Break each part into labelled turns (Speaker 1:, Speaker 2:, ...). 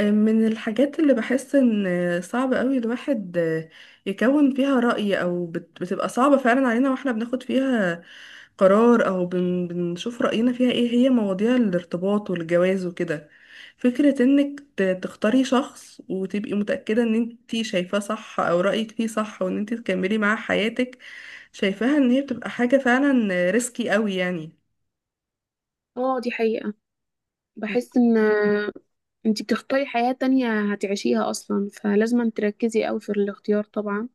Speaker 1: من الحاجات اللي بحس ان صعب قوي الواحد يكون فيها رأي او بتبقى صعبة فعلا علينا واحنا بناخد فيها قرار او بنشوف رأينا فيها ايه، هي مواضيع الارتباط والجواز وكده. فكرة انك تختاري شخص وتبقي متأكدة ان انتي شايفاه صح او رأيك فيه صح، وان انتي تكملي معاه حياتك، شايفاها ان هي بتبقى حاجة فعلا ريسكي قوي يعني.
Speaker 2: اه، دي حقيقة. بحس ان انتي بتختاري حياة تانية هتعيشيها اصلا فلازم تركزي قوي في الاختيار طبعا،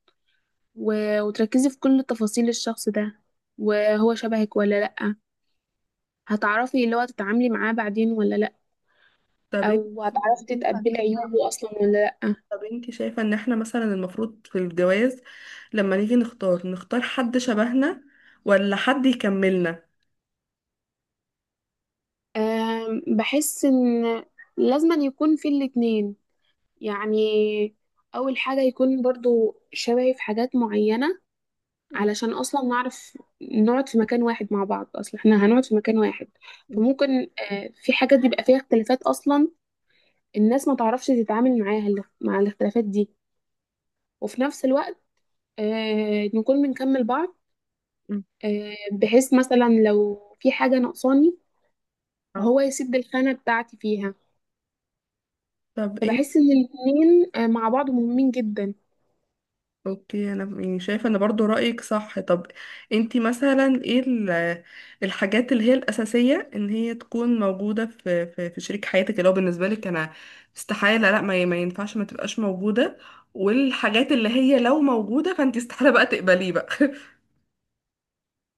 Speaker 2: و... وتركزي في كل تفاصيل الشخص ده. وهو شبهك ولا لأ؟ هتعرفي اللي هو تتعاملي معاه بعدين ولا لأ؟
Speaker 1: طب
Speaker 2: او هتعرفي
Speaker 1: انت
Speaker 2: تتقبلي عيوبه اصلا ولا لأ؟
Speaker 1: طب انت شايفة ان احنا مثلا المفروض في الجواز لما نيجي نختار، نختار حد شبهنا ولا حد يكملنا؟
Speaker 2: بحس ان لازم يكون في الاتنين. يعني اول حاجة يكون برضو شبهي في حاجات معينة
Speaker 1: مم.
Speaker 2: علشان اصلا نعرف نقعد في مكان واحد مع بعض، اصلا احنا هنقعد في مكان واحد.
Speaker 1: مم.
Speaker 2: فممكن في حاجات بيبقى فيها اختلافات، اصلا الناس ما تعرفش تتعامل معاها مع الاختلافات دي. وفي نفس الوقت نكون بنكمل بعض.
Speaker 1: مم.
Speaker 2: بحيث مثلا لو في حاجة ناقصاني
Speaker 1: اه.
Speaker 2: هو يسد الخانة بتاعتي فيها.
Speaker 1: طب انت،
Speaker 2: فبحس ان الاتنين مع بعض مهمين جدا.
Speaker 1: اوكي، انا يعني شايفة ان برضو رأيك صح. طب انت مثلا ايه الحاجات اللي هي الأساسية ان هي تكون موجودة في شريك حياتك، اللي هو بالنسبة لك انا استحالة، لا ما, ي- ما ينفعش ما تبقاش موجودة؟ والحاجات اللي هي لو موجودة فانت استحالة بقى تقبليه بقى؟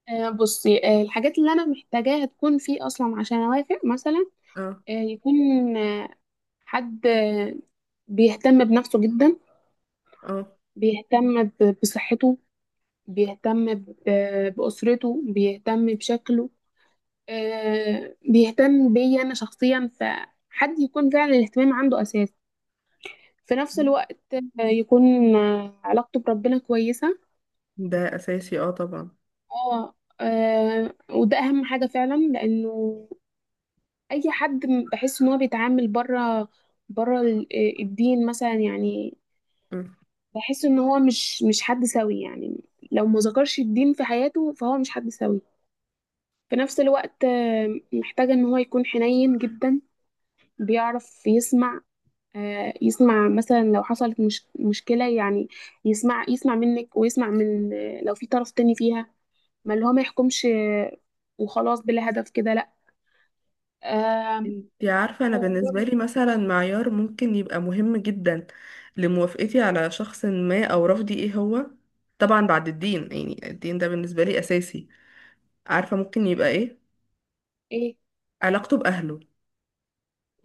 Speaker 2: بصي، الحاجات اللي انا محتاجاها تكون فيه اصلا عشان اوافق مثلا.
Speaker 1: اه،
Speaker 2: يكون حد بيهتم بنفسه جدا،
Speaker 1: اه،
Speaker 2: بيهتم بصحته، بيهتم بأسرته، بيهتم بشكله، بيهتم بيا أنا شخصيا. فحد يكون فعلا الاهتمام عنده أساس. في نفس الوقت يكون علاقته بربنا كويسة.
Speaker 1: ده أساسي، اه طبعا.
Speaker 2: اه. وده أهم حاجة فعلا، لأنه أي حد بحس إن هو بيتعامل بره، بره الدين مثلا، يعني
Speaker 1: مم.
Speaker 2: بحس ان هو مش حد سوي. يعني لو ما ذكرش الدين في حياته فهو مش حد سوي. في نفس الوقت محتاجة ان هو يكون حنين جدا، بيعرف يسمع. يسمع مثلا لو حصلت مش مشكلة، يعني يسمع منك، ويسمع من، لو في طرف تاني فيها، ما اللي هو ما يحكمش وخلاص بلا هدف كده، لا. آه،
Speaker 1: انتي عارفة، أنا
Speaker 2: ويكون
Speaker 1: بالنسبة لي مثلا معيار ممكن يبقى مهم جدا لموافقتي على شخص ما أو رفضي ايه هو؟ طبعا بعد الدين، يعني الدين ده بالنسبة لي أساسي. عارفة ممكن يبقى ايه؟
Speaker 2: ايه.
Speaker 1: علاقته بأهله.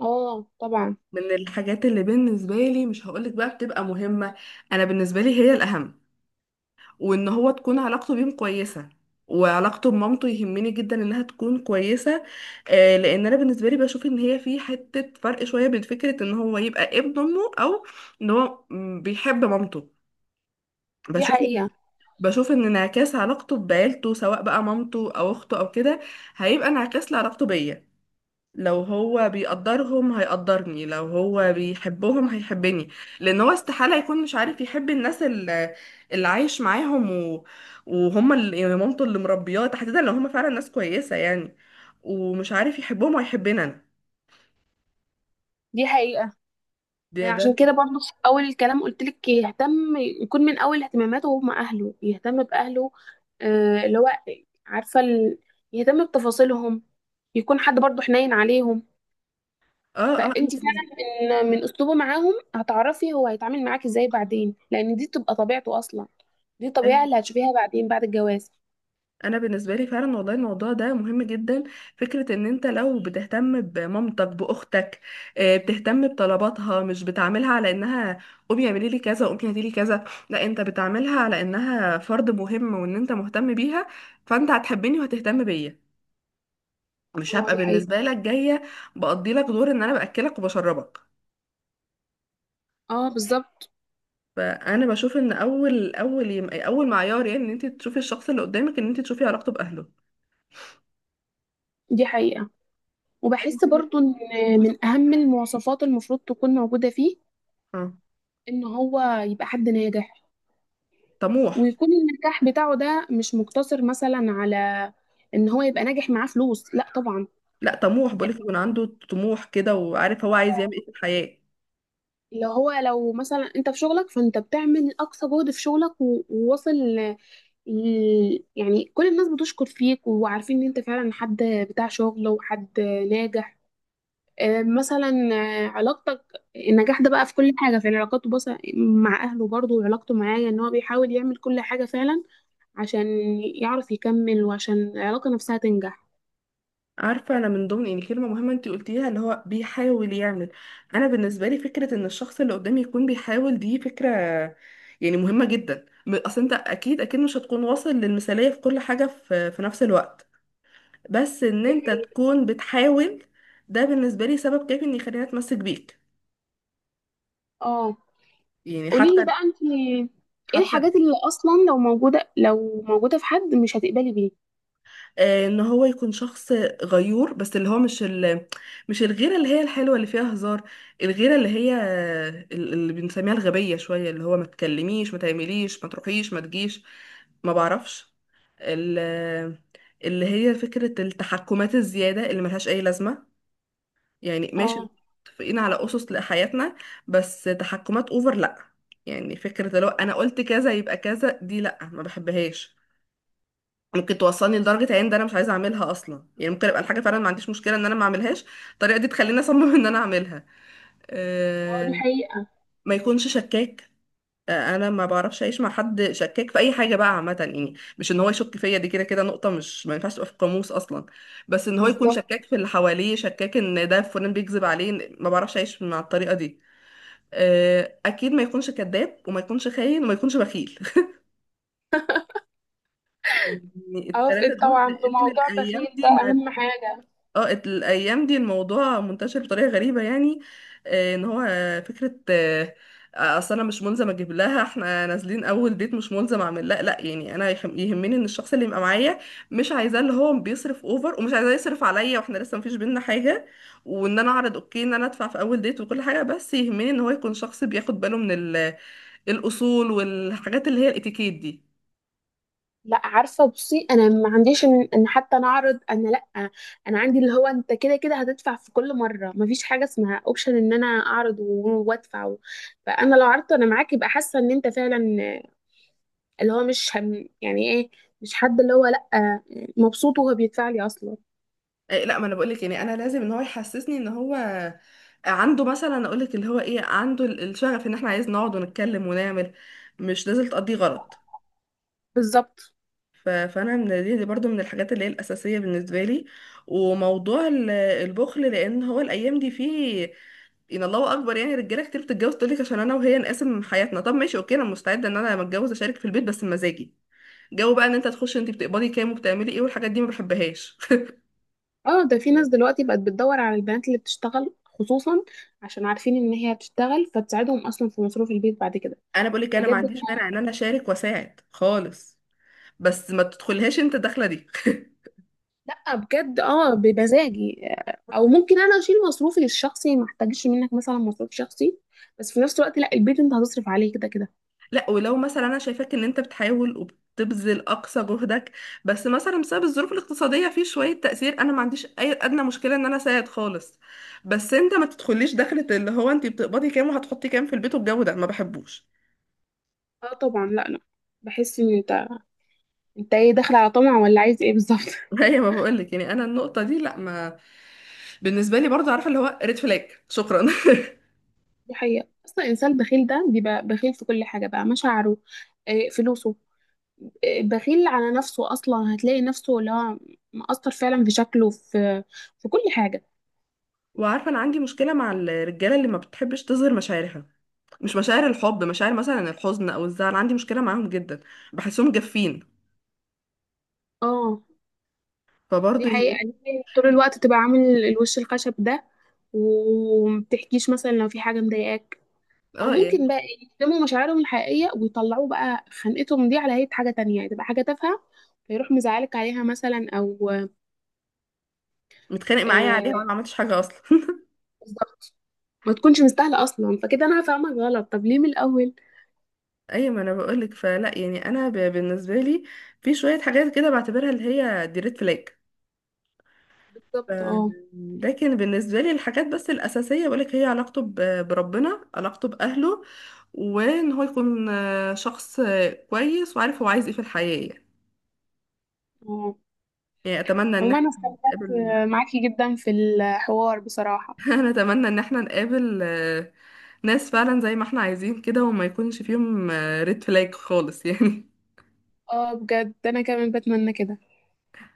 Speaker 2: اه طبعا.
Speaker 1: من الحاجات اللي بالنسبة لي مش هقولك بقى بتبقى مهمة، أنا بالنسبة لي هي الأهم، وان هو تكون علاقته بيهم كويسه، وعلاقته بمامته يهمني جدا انها تكون كويسه. لان انا بالنسبه لي بشوف ان هي في حته فرق شويه بين فكره ان هو يبقى ابن امه، او ان هو بيحب مامته.
Speaker 2: دي
Speaker 1: بشوف إن-
Speaker 2: حقيقة.
Speaker 1: بشوف ان انعكاس علاقته بعيلته، سواء بقى مامته او اخته او كده، هيبقى انعكاس لعلاقته بيا. لو هو بيقدرهم هيقدرني، لو هو بيحبهم هيحبني. لان هو استحالة يكون مش عارف يحب اللي عايش معاهم وهم اللي، يعني مامته اللي مربياه تحديدا، لو هم فعلا ناس كويسة يعني، ومش عارف يحبهم وهيحبني انا.
Speaker 2: دي حقيقة.
Speaker 1: ده
Speaker 2: عشان كده برضو في اول الكلام قلت لك يهتم، يكون من اول اهتماماته هم اهله، يهتم باهله. اللي هو عارفه يهتم بتفاصيلهم، يكون حد برضو حنين عليهم.
Speaker 1: اه، اه،
Speaker 2: فانت فعلا من اسلوبه معاهم هتعرفي هو هيتعامل معاك ازاي بعدين، لان دي بتبقى طبيعته اصلا. دي الطبيعه اللي هتشوفيها بعدين بعد الجواز.
Speaker 1: انا بالنسبه لي فعلا والله الموضوع ده مهم جدا. فكره ان انت لو بتهتم بمامتك، باختك، بتهتم بطلباتها، مش بتعاملها على انها قومي اعملي لي كذا، قومي هاتي لي كذا، لا، انت بتعاملها على انها فرد مهم، وان انت مهتم بيها، فانت هتحبني وهتهتم بيا. مش
Speaker 2: اه
Speaker 1: هبقى
Speaker 2: دي حقيقه.
Speaker 1: بالنسبه لك جايه بقضي لك دور ان انا باكلك وبشربك.
Speaker 2: اه بالظبط.
Speaker 1: فانا بشوف ان اول معيار، يعني ان انت تشوفي الشخص اللي قدامك، ان انت تشوفي علاقته باهله.
Speaker 2: دي حقيقه.
Speaker 1: تاني
Speaker 2: وبحس
Speaker 1: حاجة-
Speaker 2: برضو ان من اهم المواصفات المفروض تكون موجوده فيه
Speaker 1: اه
Speaker 2: ان هو يبقى حد ناجح.
Speaker 1: طموح.
Speaker 2: ويكون النجاح بتاعه ده مش مقتصر مثلا على ان هو يبقى ناجح معاه فلوس، لا طبعا.
Speaker 1: لا طموح بقولك، يكون عنده طموح كده، وعارف هو عايز يعمل ايه في الحياة.
Speaker 2: اللي هو لو مثلا انت في شغلك فانت بتعمل اقصى جهد في شغلك وواصل يعني كل الناس بتشكر فيك وعارفين ان انت فعلا حد بتاع شغل وحد ناجح. مثلا علاقتك، النجاح ده بقى في كل حاجة، في علاقاته بس مع أهله برضه، وعلاقته معايا، إن هو بيحاول يعمل كل حاجة فعلا عشان يعرف يكمل وعشان العلاقة نفسها تنجح.
Speaker 1: عارفة، أنا من ضمن يعني كلمة مهمة أنت قلتيها اللي هو بيحاول يعمل. أنا بالنسبة لي فكرة إن الشخص اللي قدامي يكون بيحاول، دي فكرة يعني مهمة جدا. أصل أنت أكيد أكيد مش هتكون واصل للمثالية في كل حاجة، في, في نفس الوقت بس إن
Speaker 2: دي
Speaker 1: أنت
Speaker 2: حقيقة.
Speaker 1: تكون بتحاول، ده بالنسبة لي سبب كافي إن يخليني أتمسك بيك.
Speaker 2: اه،
Speaker 1: يعني
Speaker 2: قولي لي
Speaker 1: حتى
Speaker 2: بقى انت، ايه
Speaker 1: حتى
Speaker 2: الحاجات اللي اصلا لو موجودة في حد مش هتقبلي بيه.
Speaker 1: ان هو يكون شخص غيور، بس اللي هو مش مش الغيره اللي هي الحلوه اللي فيها هزار. الغيره اللي هي اللي بنسميها الغبيه شويه، اللي هو ما تكلميش ما تعمليش ما تروحيش ما تجيش، ما بعرفش ال... آه، اللي هي فكره التحكمات الزياده اللي ملهاش اي لازمه. يعني ماشي،
Speaker 2: اه.
Speaker 1: متفقين على اسس لحياتنا، بس تحكمات اوفر لا. يعني فكره لو انا قلت كذا يبقى كذا، دي لا، ما بحبهاش. ممكن توصلني لدرجة عين ده انا مش عايزة اعملها اصلا، يعني ممكن ابقى الحاجة فعلا ما عنديش مشكلة ان انا ما اعملهاش، الطريقة دي تخليني اصمم ان انا اعملها.
Speaker 2: اه دي
Speaker 1: أه.
Speaker 2: حقيقة.
Speaker 1: ما يكونش شكاك، انا ما بعرفش اعيش مع حد شكاك في اي حاجة بقى عامة يعني. مش ان هو يشك فيا، دي كده كده نقطة مش، ما ينفعش تبقى في القاموس اصلا. بس ان هو يكون
Speaker 2: بالظبط.
Speaker 1: شكاك في اللي حواليه، شكاك ان ده فلان بيكذب عليه، ما بعرفش اعيش مع الطريقة دي. اكيد ما يكونش كذاب، وما يكونش خاين، وما يكونش بخيل يعني التلاتة
Speaker 2: اوافقك
Speaker 1: دول،
Speaker 2: طبعا في
Speaker 1: لان
Speaker 2: موضوع
Speaker 1: الايام
Speaker 2: بخيل
Speaker 1: دي
Speaker 2: ده،
Speaker 1: مع،
Speaker 2: اهم حاجة.
Speaker 1: اه، الايام دي الموضوع منتشر بطريقه غريبه يعني. آه، ان هو آه، فكره آه، آه، اصل انا مش ملزم اجيب لها، احنا نازلين اول ديت مش ملزم اعمل، لا لا، يعني انا يهمني ان الشخص اللي يبقى معايا، مش عايزاه اللي هو بيصرف اوفر، ومش عايزاه يصرف عليا واحنا لسه مفيش بينا حاجه. وان انا اعرض اوكي ان انا ادفع في اول ديت وكل حاجه، بس يهمني ان هو يكون شخص بياخد باله من الاصول والحاجات اللي هي الاتيكيت دي.
Speaker 2: لا عارفة، بصي انا ما عنديش إن حتى نعرض، انا لا. انا عندي اللي هو انت كده كده هتدفع في كل مرة، ما فيش حاجة اسمها اوبشن ان انا اعرض وادفع. فانا لو عرضت انا معاك يبقى حاسة ان انت فعلا اللي هو مش هم، يعني ايه، مش حد اللي هو لأ مبسوط وهو بيدفع لي اصلا.
Speaker 1: لا، ما انا بقولك يعني انا لازم ان هو يحسسني ان هو عنده مثلا، اقولك اللي هو ايه، عنده الشغف ان احنا عايز نقعد ونتكلم ونعمل، مش لازم تقضي غلط.
Speaker 2: بالظبط
Speaker 1: فانا دي برضو من الحاجات اللي هي الاساسيه بالنسبه لي. وموضوع البخل، لان هو الايام دي فيه، ان الله اكبر يعني، رجاله كتير بتتجوز تقولك عشان انا وهي نقاسم حياتنا. طب ماشي اوكي، انا مستعده ان انا لما اتجوز اشارك في البيت، بس بمزاجي. جو بقى ان انت تخش انت بتقبضي كام وبتعملي ايه والحاجات دي، ما بحبهاش.
Speaker 2: اه. ده في ناس دلوقتي بقت بتدور على البنات اللي بتشتغل خصوصا، عشان عارفين ان هي بتشتغل فتساعدهم اصلا في مصروف البيت بعد كده.
Speaker 1: انا بقول لك انا ما
Speaker 2: بجد احنا.
Speaker 1: عنديش مانع ان انا اشارك واساعد خالص، بس ما تدخلهاش انت الدخله دي
Speaker 2: لا بجد، اه بمزاجي. او ممكن انا اشيل مصروفي الشخصي، ما احتاجش منك مثلا مصروف شخصي، بس في نفس الوقت لا، البيت انت هتصرف عليه كده كده.
Speaker 1: لا، ولو مثلا انا شايفاك ان انت بتحاول وبتبذل اقصى جهدك، بس مثلا بسبب الظروف الاقتصاديه في شويه تاثير، انا ما عنديش اي ادنى مشكله ان انا اساعد خالص. بس انت ما تدخليش دخله اللي هو انت بتقبضي كام وهتحطي كام في البيت، والجو ده ما بحبوش.
Speaker 2: اه طبعا، لا لا. بحس ان انت ايه، داخل على طمع ولا عايز ايه بالظبط؟
Speaker 1: هي ما بقول لك، يعني انا النقطه دي لا، ما بالنسبه لي برضه عارفه اللي هو ريد فلاج، شكرا.
Speaker 2: دي حقيقة، أصلا الإنسان البخيل ده بيبقى بخيل في كل حاجة بقى، مشاعره، فلوسه، بخيل على نفسه أصلا. هتلاقي نفسه اللي هو مأثر فعلا في شكله، في كل حاجة.
Speaker 1: وعارفه انا عندي مشكله مع الرجاله اللي ما بتحبش تظهر مشاعرها. مش مشاعر الحب، مشاعر مثلا الحزن او الزعل، عندي مشكله معاهم جدا، بحسهم جافين.
Speaker 2: اه دي
Speaker 1: فبرضه
Speaker 2: حقيقة.
Speaker 1: يهمني.
Speaker 2: ليه طول الوقت تبقى عامل الوش الخشب ده، ومبتحكيش مثلا لو في حاجة مضايقاك؟ أو
Speaker 1: اه
Speaker 2: ممكن
Speaker 1: يعني
Speaker 2: بقى يكتموا مشاعرهم الحقيقية ويطلعوا بقى خنقتهم دي على هيئة حاجة تانية، يعني تبقى حاجة تافهة فيروح مزعلك عليها مثلا. أو
Speaker 1: متخانق معايا عليها وانا
Speaker 2: آه.
Speaker 1: ما عملتش حاجه اصلا
Speaker 2: بالظبط. ما تكونش مستاهله اصلا، فكده انا هفهمك غلط، طب ليه من الاول؟
Speaker 1: ايوه، ما انا بقولك، فلا يعني انا بالنسبه لي في شويه حاجات كده بعتبرها اللي هي دي ريد فلاج. ف-
Speaker 2: بالظبط اه.
Speaker 1: لكن بالنسبه لي الحاجات بس الاساسيه بقولك، هي علاقته بربنا، علاقته باهله، وان هو يكون شخص كويس وعارف هو عايز ايه في الحياه يعني.
Speaker 2: اه،
Speaker 1: يعني اتمنى ان
Speaker 2: عموما
Speaker 1: احنا
Speaker 2: انا استمتعت
Speaker 1: نقابل.
Speaker 2: معاكي جدا في الحوار بصراحه.
Speaker 1: انا اتمنى ان احنا نقابل ناس فعلا زي ما احنا عايزين كده، وما يكونش فيهم ريد فلاج خالص يعني.
Speaker 2: اه بجد انا كمان بتمنى كده.